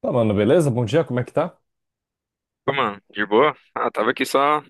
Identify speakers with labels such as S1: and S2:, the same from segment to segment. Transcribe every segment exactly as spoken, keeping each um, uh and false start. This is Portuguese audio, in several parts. S1: Tá, mano, beleza? Bom dia, como é que tá?
S2: Ô, mano, de boa? Ah, tava aqui só,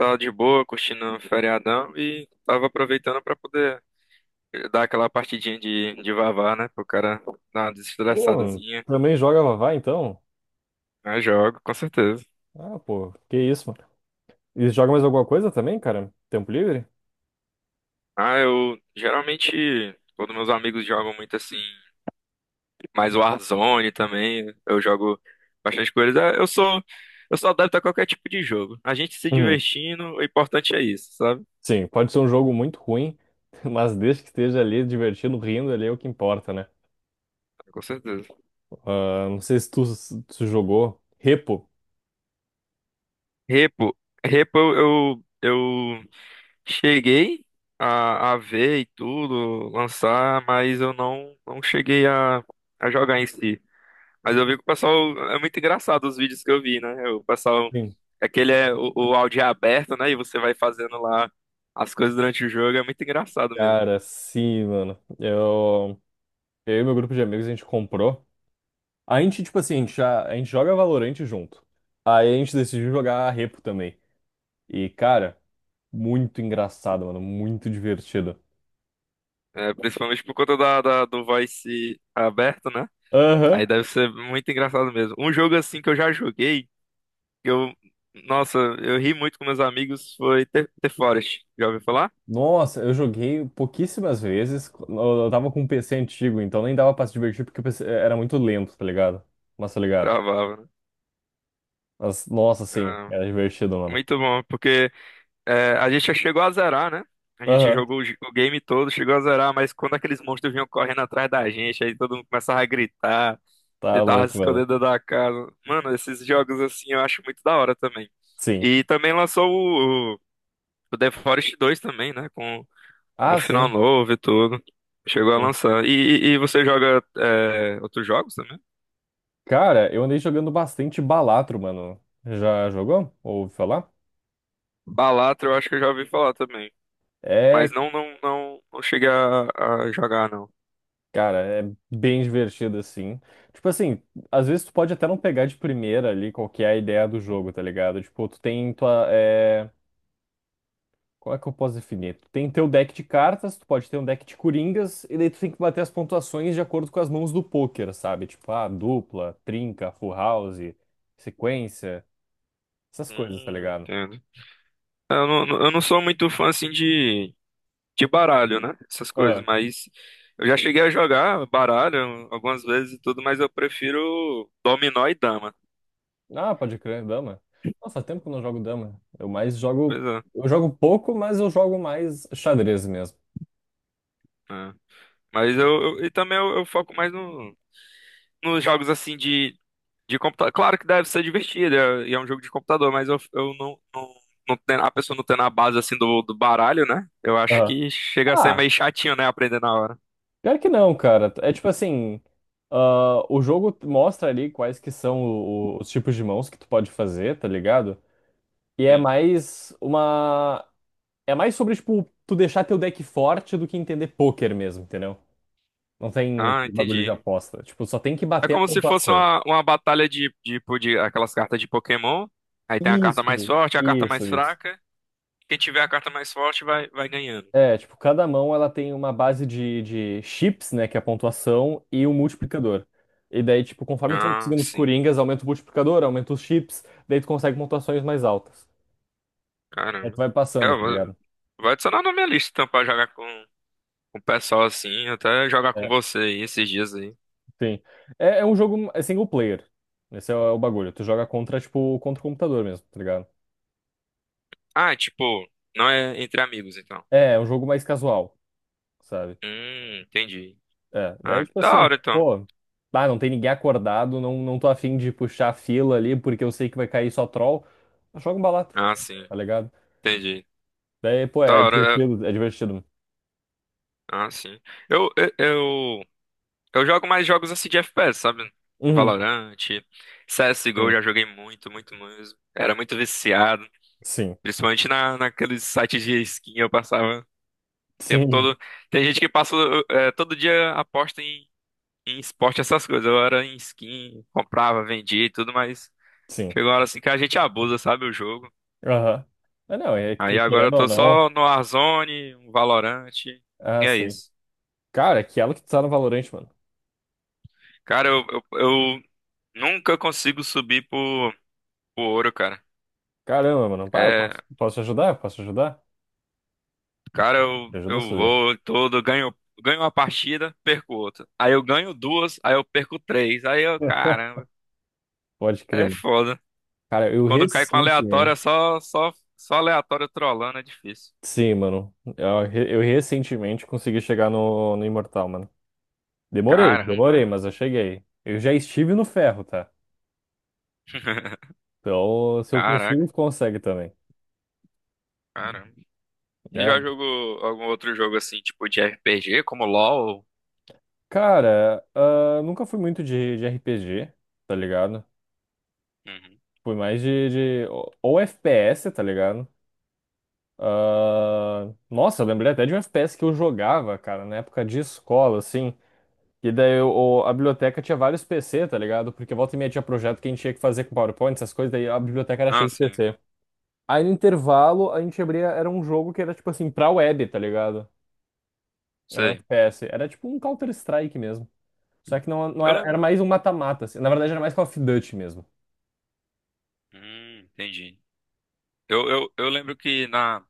S2: só de boa, curtindo o feriadão e tava aproveitando pra poder dar aquela partidinha de, de vavá, né? Pro cara dar uma
S1: Pô,
S2: desestressadazinha.
S1: também joga Vavá, então?
S2: Ah, jogo, com certeza.
S1: Ah, pô, que isso, mano. E joga mais alguma coisa também, cara? Tempo livre?
S2: Ah, eu geralmente, quando meus amigos jogam muito assim, mais Warzone também, eu jogo bastante com eles. Ah, Eu sou, eu sou adepto a qualquer tipo de jogo. A gente se
S1: Uhum.
S2: divertindo, o importante é isso, sabe?
S1: Sim, pode ser um jogo muito ruim, mas desde que esteja ali divertido, rindo, ali é o que importa, né?
S2: Com certeza.
S1: Ah, não sei se tu, se tu jogou Repo.
S2: Repo, repo eu, eu cheguei a, a ver e tudo, lançar, mas eu não, não cheguei a, a jogar em si. Mas eu vi que o pessoal. É muito engraçado os vídeos que eu vi, né? O pessoal.
S1: Sim.
S2: Aquele é o, o áudio é aberto, né? E você vai fazendo lá as coisas durante o jogo. É muito engraçado mesmo.
S1: Cara, sim, mano. Eu, eu e meu grupo de amigos, a gente comprou. A gente, tipo assim, a gente, já, a gente joga Valorant junto. Aí a gente decidiu jogar Repo também. E, cara, muito engraçado, mano. Muito divertido.
S2: É, principalmente por conta da, da- do voice aberto, né?
S1: Aham.
S2: Aí deve ser muito engraçado mesmo. Um jogo assim que eu já joguei, que eu. Nossa, eu ri muito com meus amigos, foi The, The Forest. Já ouviu falar?
S1: Nossa, eu joguei pouquíssimas vezes. Eu eu tava com um P C antigo, então nem dava pra se divertir porque o P C era muito lento, tá ligado? Mas tá ligado?
S2: Travava, né?
S1: Mas, nossa, sim, era divertido, mano.
S2: Muito bom, porque é, a gente já chegou a zerar, né? A gente
S1: Aham.
S2: jogou o, j- o game todo, chegou a zerar, mas quando aqueles monstros vinham correndo atrás da gente, aí todo mundo começava a gritar,
S1: Tá
S2: tentava se
S1: louco,
S2: esconder
S1: mano.
S2: dentro da casa. Mano, esses jogos assim eu acho muito da hora também.
S1: Sim.
S2: E também lançou o, o, o The Forest dois também, né? Com um
S1: Ah,
S2: final
S1: sim.
S2: novo e tudo. Chegou a
S1: Sim.
S2: lançar. E, e- e você joga é, outros jogos também?
S1: Cara, eu andei jogando bastante Balatro, mano. Já jogou? Ouviu falar?
S2: Balatro eu acho que eu já ouvi falar também.
S1: É.
S2: Mas não, não, não, não cheguei a, a jogar, não.
S1: Cara, é bem divertido assim. Tipo assim, às vezes tu pode até não pegar de primeira ali qual que é a ideia do jogo, tá ligado? Tipo, tu tem tua. É... Como é que eu posso definir? Tu tem teu deck de cartas, tu pode ter um deck de coringas, e daí tu tem que bater as pontuações de acordo com as mãos do poker, sabe? Tipo, ah, dupla, trinca, full house, sequência, essas coisas, tá
S2: Hum,
S1: ligado?
S2: entendo. Eu não, eu não sou muito fã assim de, de baralho, né? Essas coisas,
S1: Aham.
S2: mas eu já cheguei a jogar baralho algumas vezes e tudo, mas eu prefiro dominó e dama.
S1: Ah, pode crer, dama. Nossa, faz tempo que eu não jogo dama. Eu mais
S2: Pois
S1: jogo.
S2: é.
S1: Eu jogo pouco, mas eu jogo mais xadrez mesmo.
S2: É. Mas eu, eu- e também eu, eu foco mais no, nos jogos assim de, de computador. Claro que deve ser divertido, é, e é um jogo de computador, mas eu, eu não, não, não tem, a pessoa não tem na base assim do, do baralho, né? Eu acho
S1: Aham.
S2: que chega a ser
S1: Ah,
S2: meio chatinho, né? Aprender na hora.
S1: pior que não, cara. É tipo assim, ah, o jogo mostra ali quais que são o, os tipos de mãos que tu pode fazer, tá ligado? E é
S2: Sim.
S1: mais uma. É mais sobre, tipo, tu deixar teu deck forte do que entender pôquer mesmo, entendeu? Não tem
S2: Ah,
S1: bagulho de
S2: entendi.
S1: aposta. Tipo, só tem que
S2: É
S1: bater a
S2: como se fosse
S1: pontuação.
S2: uma, uma batalha de, de, de aquelas cartas de Pokémon. Aí tem a carta mais
S1: Isso,
S2: forte, a carta
S1: isso,
S2: mais
S1: isso.
S2: fraca. Quem tiver a carta mais forte vai, vai ganhando.
S1: É, tipo, cada mão ela tem uma base de, de chips, né, que é a pontuação, e um multiplicador. E daí, tipo, conforme tu vai
S2: Ah,
S1: conseguindo os
S2: sim.
S1: coringas, aumenta o multiplicador, aumenta os chips, daí tu consegue pontuações mais altas. Aí tu
S2: Caramba.
S1: vai
S2: É,
S1: passando,
S2: eu
S1: tá
S2: vou,
S1: ligado?
S2: vou adicionar na minha lista então, pra jogar com, com o pessoal assim. Até jogar com
S1: É,
S2: você aí esses dias aí.
S1: sim. É, é um jogo é single player. Esse é o, é o bagulho. Tu joga contra, tipo, contra o computador mesmo, tá ligado?
S2: Ah, tipo, não é entre amigos então.
S1: É, é um jogo mais casual, sabe?
S2: Hum, entendi.
S1: É,
S2: Ah,
S1: daí tipo
S2: da
S1: assim,
S2: hora então.
S1: pô, ah, não tem ninguém acordado, não, não tô afim de puxar a fila ali, porque eu sei que vai cair só troll. Joga um balatro,
S2: Ah, sim.
S1: tá ligado?
S2: Entendi.
S1: Daí, pô,
S2: Da
S1: é
S2: hora. É.
S1: divertido, é divertido.
S2: Ah, sim. Eu, eu, eu Eu jogo mais jogos assim de F P S, sabe?
S1: Uhum,
S2: Valorant, C S G O, eu
S1: sim,
S2: já joguei muito, muito mesmo. Era muito viciado.
S1: sim,
S2: Principalmente na, naqueles sites de skin, eu passava o tempo
S1: sim,
S2: todo. Tem gente que passa eh, todo dia aposta em, em esporte, essas coisas. Eu era em skin, comprava, vendia e tudo, mas
S1: sim.
S2: chegou uma hora assim que a gente abusa, sabe, o jogo.
S1: Aham. Mas não, é que
S2: Aí agora eu
S1: querendo ou
S2: tô só
S1: não.
S2: no Warzone, um Valorant, e
S1: Ah,
S2: é
S1: sim.
S2: isso.
S1: Cara, é que ela que tu tá no Valorant, mano.
S2: Cara, eu, eu, eu nunca consigo subir pro, pro ouro, cara.
S1: Caramba, mano. Ah, eu
S2: É,
S1: posso, posso te ajudar? Posso te ajudar?
S2: cara, eu,
S1: Te ajuda a
S2: eu
S1: subir.
S2: vou todo, ganho, ganho uma partida, perco outra. Aí eu ganho duas, aí eu perco três. Aí eu, caramba,
S1: Pode crer,
S2: é
S1: mano.
S2: foda.
S1: Cara, eu
S2: Quando cai com aleatório, é
S1: recentemente.
S2: só, só, só aleatório trolando, é difícil.
S1: Sim, mano. Eu, re- eu recentemente consegui chegar no, no, Imortal, mano. Demorei,
S2: Caramba,
S1: demorei, mas eu cheguei. Eu já estive no ferro, tá? Então, se eu
S2: caraca,
S1: consigo, tu consegue também.
S2: caramba. E
S1: É.
S2: já jogou algum outro jogo assim, tipo de R P G, como LoL?
S1: Cara, ah, nunca fui muito de, de R P G, tá ligado?
S2: Uhum.
S1: Fui mais de, de- ou ou F P S, tá ligado? Ah, nossa, eu lembrei até de um F P S que eu jogava, cara, na época de escola, assim. E daí o, o- a biblioteca tinha vários P C, tá ligado? Porque volta e meia tinha projeto que a gente tinha que fazer com PowerPoint, essas coisas, daí a biblioteca era
S2: Ah,
S1: cheia de
S2: sim,
S1: P C. Aí no intervalo a gente abria, era um jogo que era tipo assim, pra web, tá ligado? Era um
S2: sei.
S1: F P S. Era tipo um Counter-Strike mesmo. Só que não, não
S2: Eu
S1: era, era
S2: lembro.
S1: mais um mata-mata, assim. Na verdade era mais Call of Duty mesmo.
S2: Hum, entendi. Eu, eu, eu lembro que na,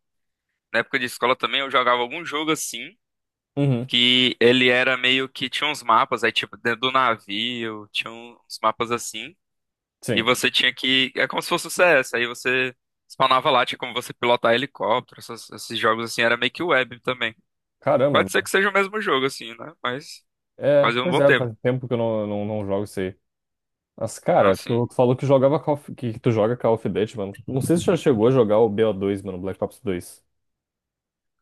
S2: na época de escola também eu jogava algum jogo assim.
S1: Uhum,
S2: Que ele era meio que tinha uns mapas aí tipo dentro do navio, tinha uns mapas assim, e
S1: sim.
S2: você tinha que é como se fosse o C S, aí você spawnava lá, tinha como você pilotar helicóptero, essas- esses jogos assim era meio que web também.
S1: Caramba,
S2: Pode ser que
S1: mano.
S2: seja o mesmo jogo assim, né? Mas
S1: É,
S2: fazia um
S1: pois
S2: bom
S1: é,
S2: tempo.
S1: faz tempo que eu não, não, não jogo isso aí. Mas,
S2: Ah,
S1: cara,
S2: sim.
S1: tu, tu falou que jogava Call of- que tu joga Call of Duty, mano. Não sei se tu já chegou a jogar o B O dois, mano, Black Ops dois.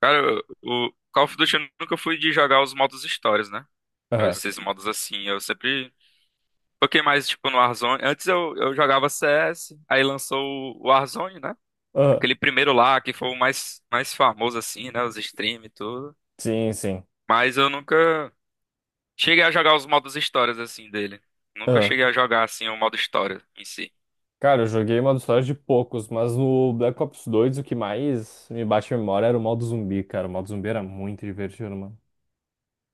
S2: Cara, o Call of Duty eu nunca fui de jogar os modos histórias, né?
S1: Aham.
S2: Esses modos assim, eu sempre foquei mais tipo no Warzone. Antes eu, eu jogava C S, aí lançou o Warzone, né?
S1: Aham.
S2: Aquele primeiro lá, que foi o mais, mais famoso, assim, né? Os streams e tudo.
S1: Sim, sim.
S2: Mas eu nunca cheguei a jogar os modos histórias, assim, dele. Nunca
S1: Aham.
S2: cheguei a jogar, assim, o modo história em si.
S1: Cara, eu joguei modo história de poucos, mas no Black Ops dois o que mais me bate a memória era o modo zumbi, cara. O modo zumbi era muito divertido, mano.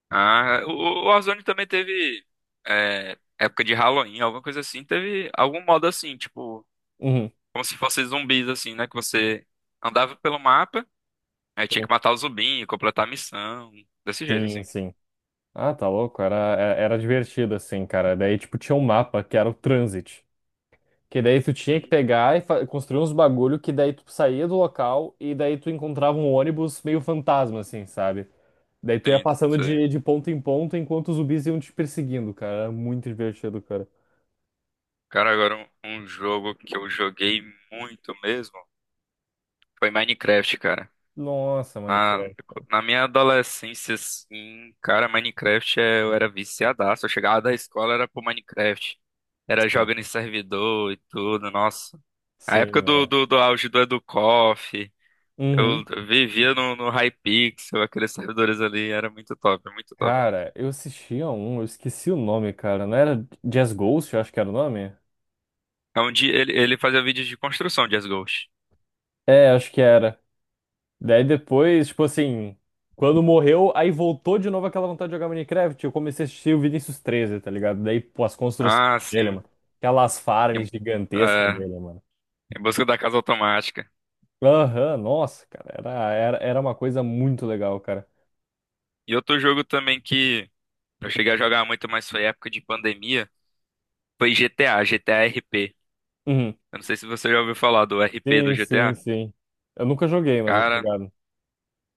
S2: Ah, o o Warzone também teve é, época de Halloween, alguma coisa assim. Teve algum modo assim, tipo,
S1: Uhum.
S2: como se fossem zumbis, assim, né? Que você andava pelo mapa, aí tinha que
S1: Sim,
S2: matar o zumbinho, completar a missão. Desse jeito,
S1: sim.
S2: assim.
S1: Sim. Ah, tá louco. Era, é- era divertido, assim, cara. Daí, tipo, tinha um mapa que era o Transit. Que daí tu tinha que
S2: Hum,
S1: pegar e fa- construir uns bagulho que daí tu saía do local e daí tu encontrava um ônibus meio fantasma, assim, sabe? Daí tu ia
S2: Sim,
S1: passando
S2: sim.
S1: de, de ponto em ponto enquanto os zumbis iam te perseguindo, cara. Era muito divertido, cara.
S2: Cara, agora um um jogo que eu joguei muito mesmo. Foi Minecraft, cara.
S1: Nossa,
S2: Na,
S1: Minecraft.
S2: Na minha adolescência, assim, cara, Minecraft é- eu era viciadaço. Eu chegava da escola, era pro Minecraft. Era
S1: Sim,
S2: jogando em servidor e tudo, nossa. A época do,
S1: mano.
S2: do, do auge do Educoff,
S1: Uhum.
S2: eu vivia no, no Hypixel, aqueles servidores ali, era muito top, muito top mesmo.
S1: Cara, eu assistia um, eu esqueci o nome, cara. Não era Jazz Ghost, eu acho que era o nome?
S2: É onde ele, ele fazia vídeos de construção de Ghost.
S1: É, acho que era. Daí depois, tipo assim, quando morreu, aí voltou de novo aquela vontade de jogar Minecraft. Eu comecei a assistir o Vinícius treze, tá ligado? Daí, pô, as construções
S2: Ah,
S1: dele,
S2: sim.
S1: mano. Aquelas farms
S2: Em,
S1: gigantescas
S2: é,
S1: dele, mano.
S2: em busca da casa automática.
S1: Aham, nossa, cara. Era, era, era uma coisa muito legal, cara.
S2: E outro jogo também que. Eu cheguei a jogar muito, mas foi época de pandemia. Foi G T A, G T A R P.
S1: Uhum.
S2: Eu não sei se você já ouviu falar do R P do
S1: Sim, sim,
S2: G T A.
S1: sim. Eu nunca joguei, mas eu tô
S2: Cara,
S1: ligado.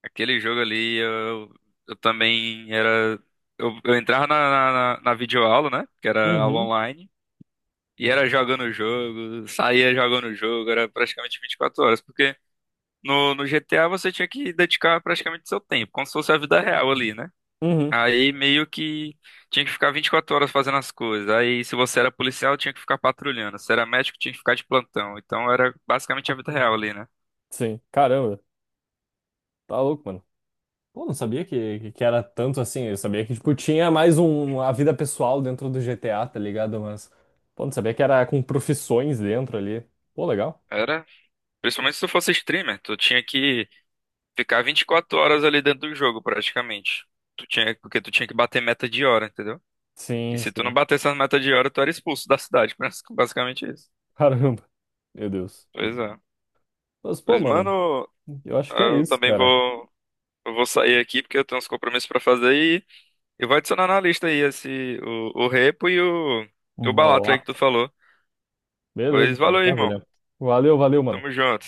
S2: aquele jogo ali, eu, eu também era. Eu, eu entrava na, na, na na videoaula, né? Que era aula
S1: Uhum.
S2: online. E era jogando o jogo, saía jogando o jogo, era praticamente vinte e quatro horas. Porque no, no G T A você tinha que dedicar praticamente seu tempo, como se fosse a vida real ali, né?
S1: Uhum.
S2: Aí meio que tinha que ficar vinte e quatro horas fazendo as coisas. Aí se você era policial, tinha que ficar patrulhando. Se era médico, tinha que ficar de plantão. Então era basicamente a vida real ali, né?
S1: Sim. Caramba, tá louco, mano. Pô, não sabia que, que que era tanto assim. Eu sabia que, tipo, tinha mais um, a vida pessoal dentro do G T A, tá ligado? Mas, pô, não sabia que era com profissões dentro ali. Pô, legal.
S2: Era, principalmente se tu fosse streamer, tu tinha que ficar vinte e quatro horas ali dentro do jogo, praticamente. Tu tinha, porque tu tinha que bater meta de hora, entendeu? E
S1: Sim,
S2: se tu não
S1: sim.
S2: batesse essa meta de hora, tu era expulso da cidade, basicamente isso.
S1: Caramba. Meu Deus.
S2: Pois é.
S1: Mas, pô,
S2: Pois,
S1: mano,
S2: mano,
S1: eu acho que é
S2: eu
S1: isso,
S2: também
S1: cara.
S2: vou, eu vou sair aqui porque eu tenho uns compromissos pra fazer. Eu vou adicionar na lista aí esse, o, o Repo e o, o Balatro aí que tu
S1: Balato.
S2: falou.
S1: Beleza,
S2: Pois
S1: mano.
S2: valeu, irmão.
S1: Maravilha. Valeu, valeu, mano.
S2: Tamo junto.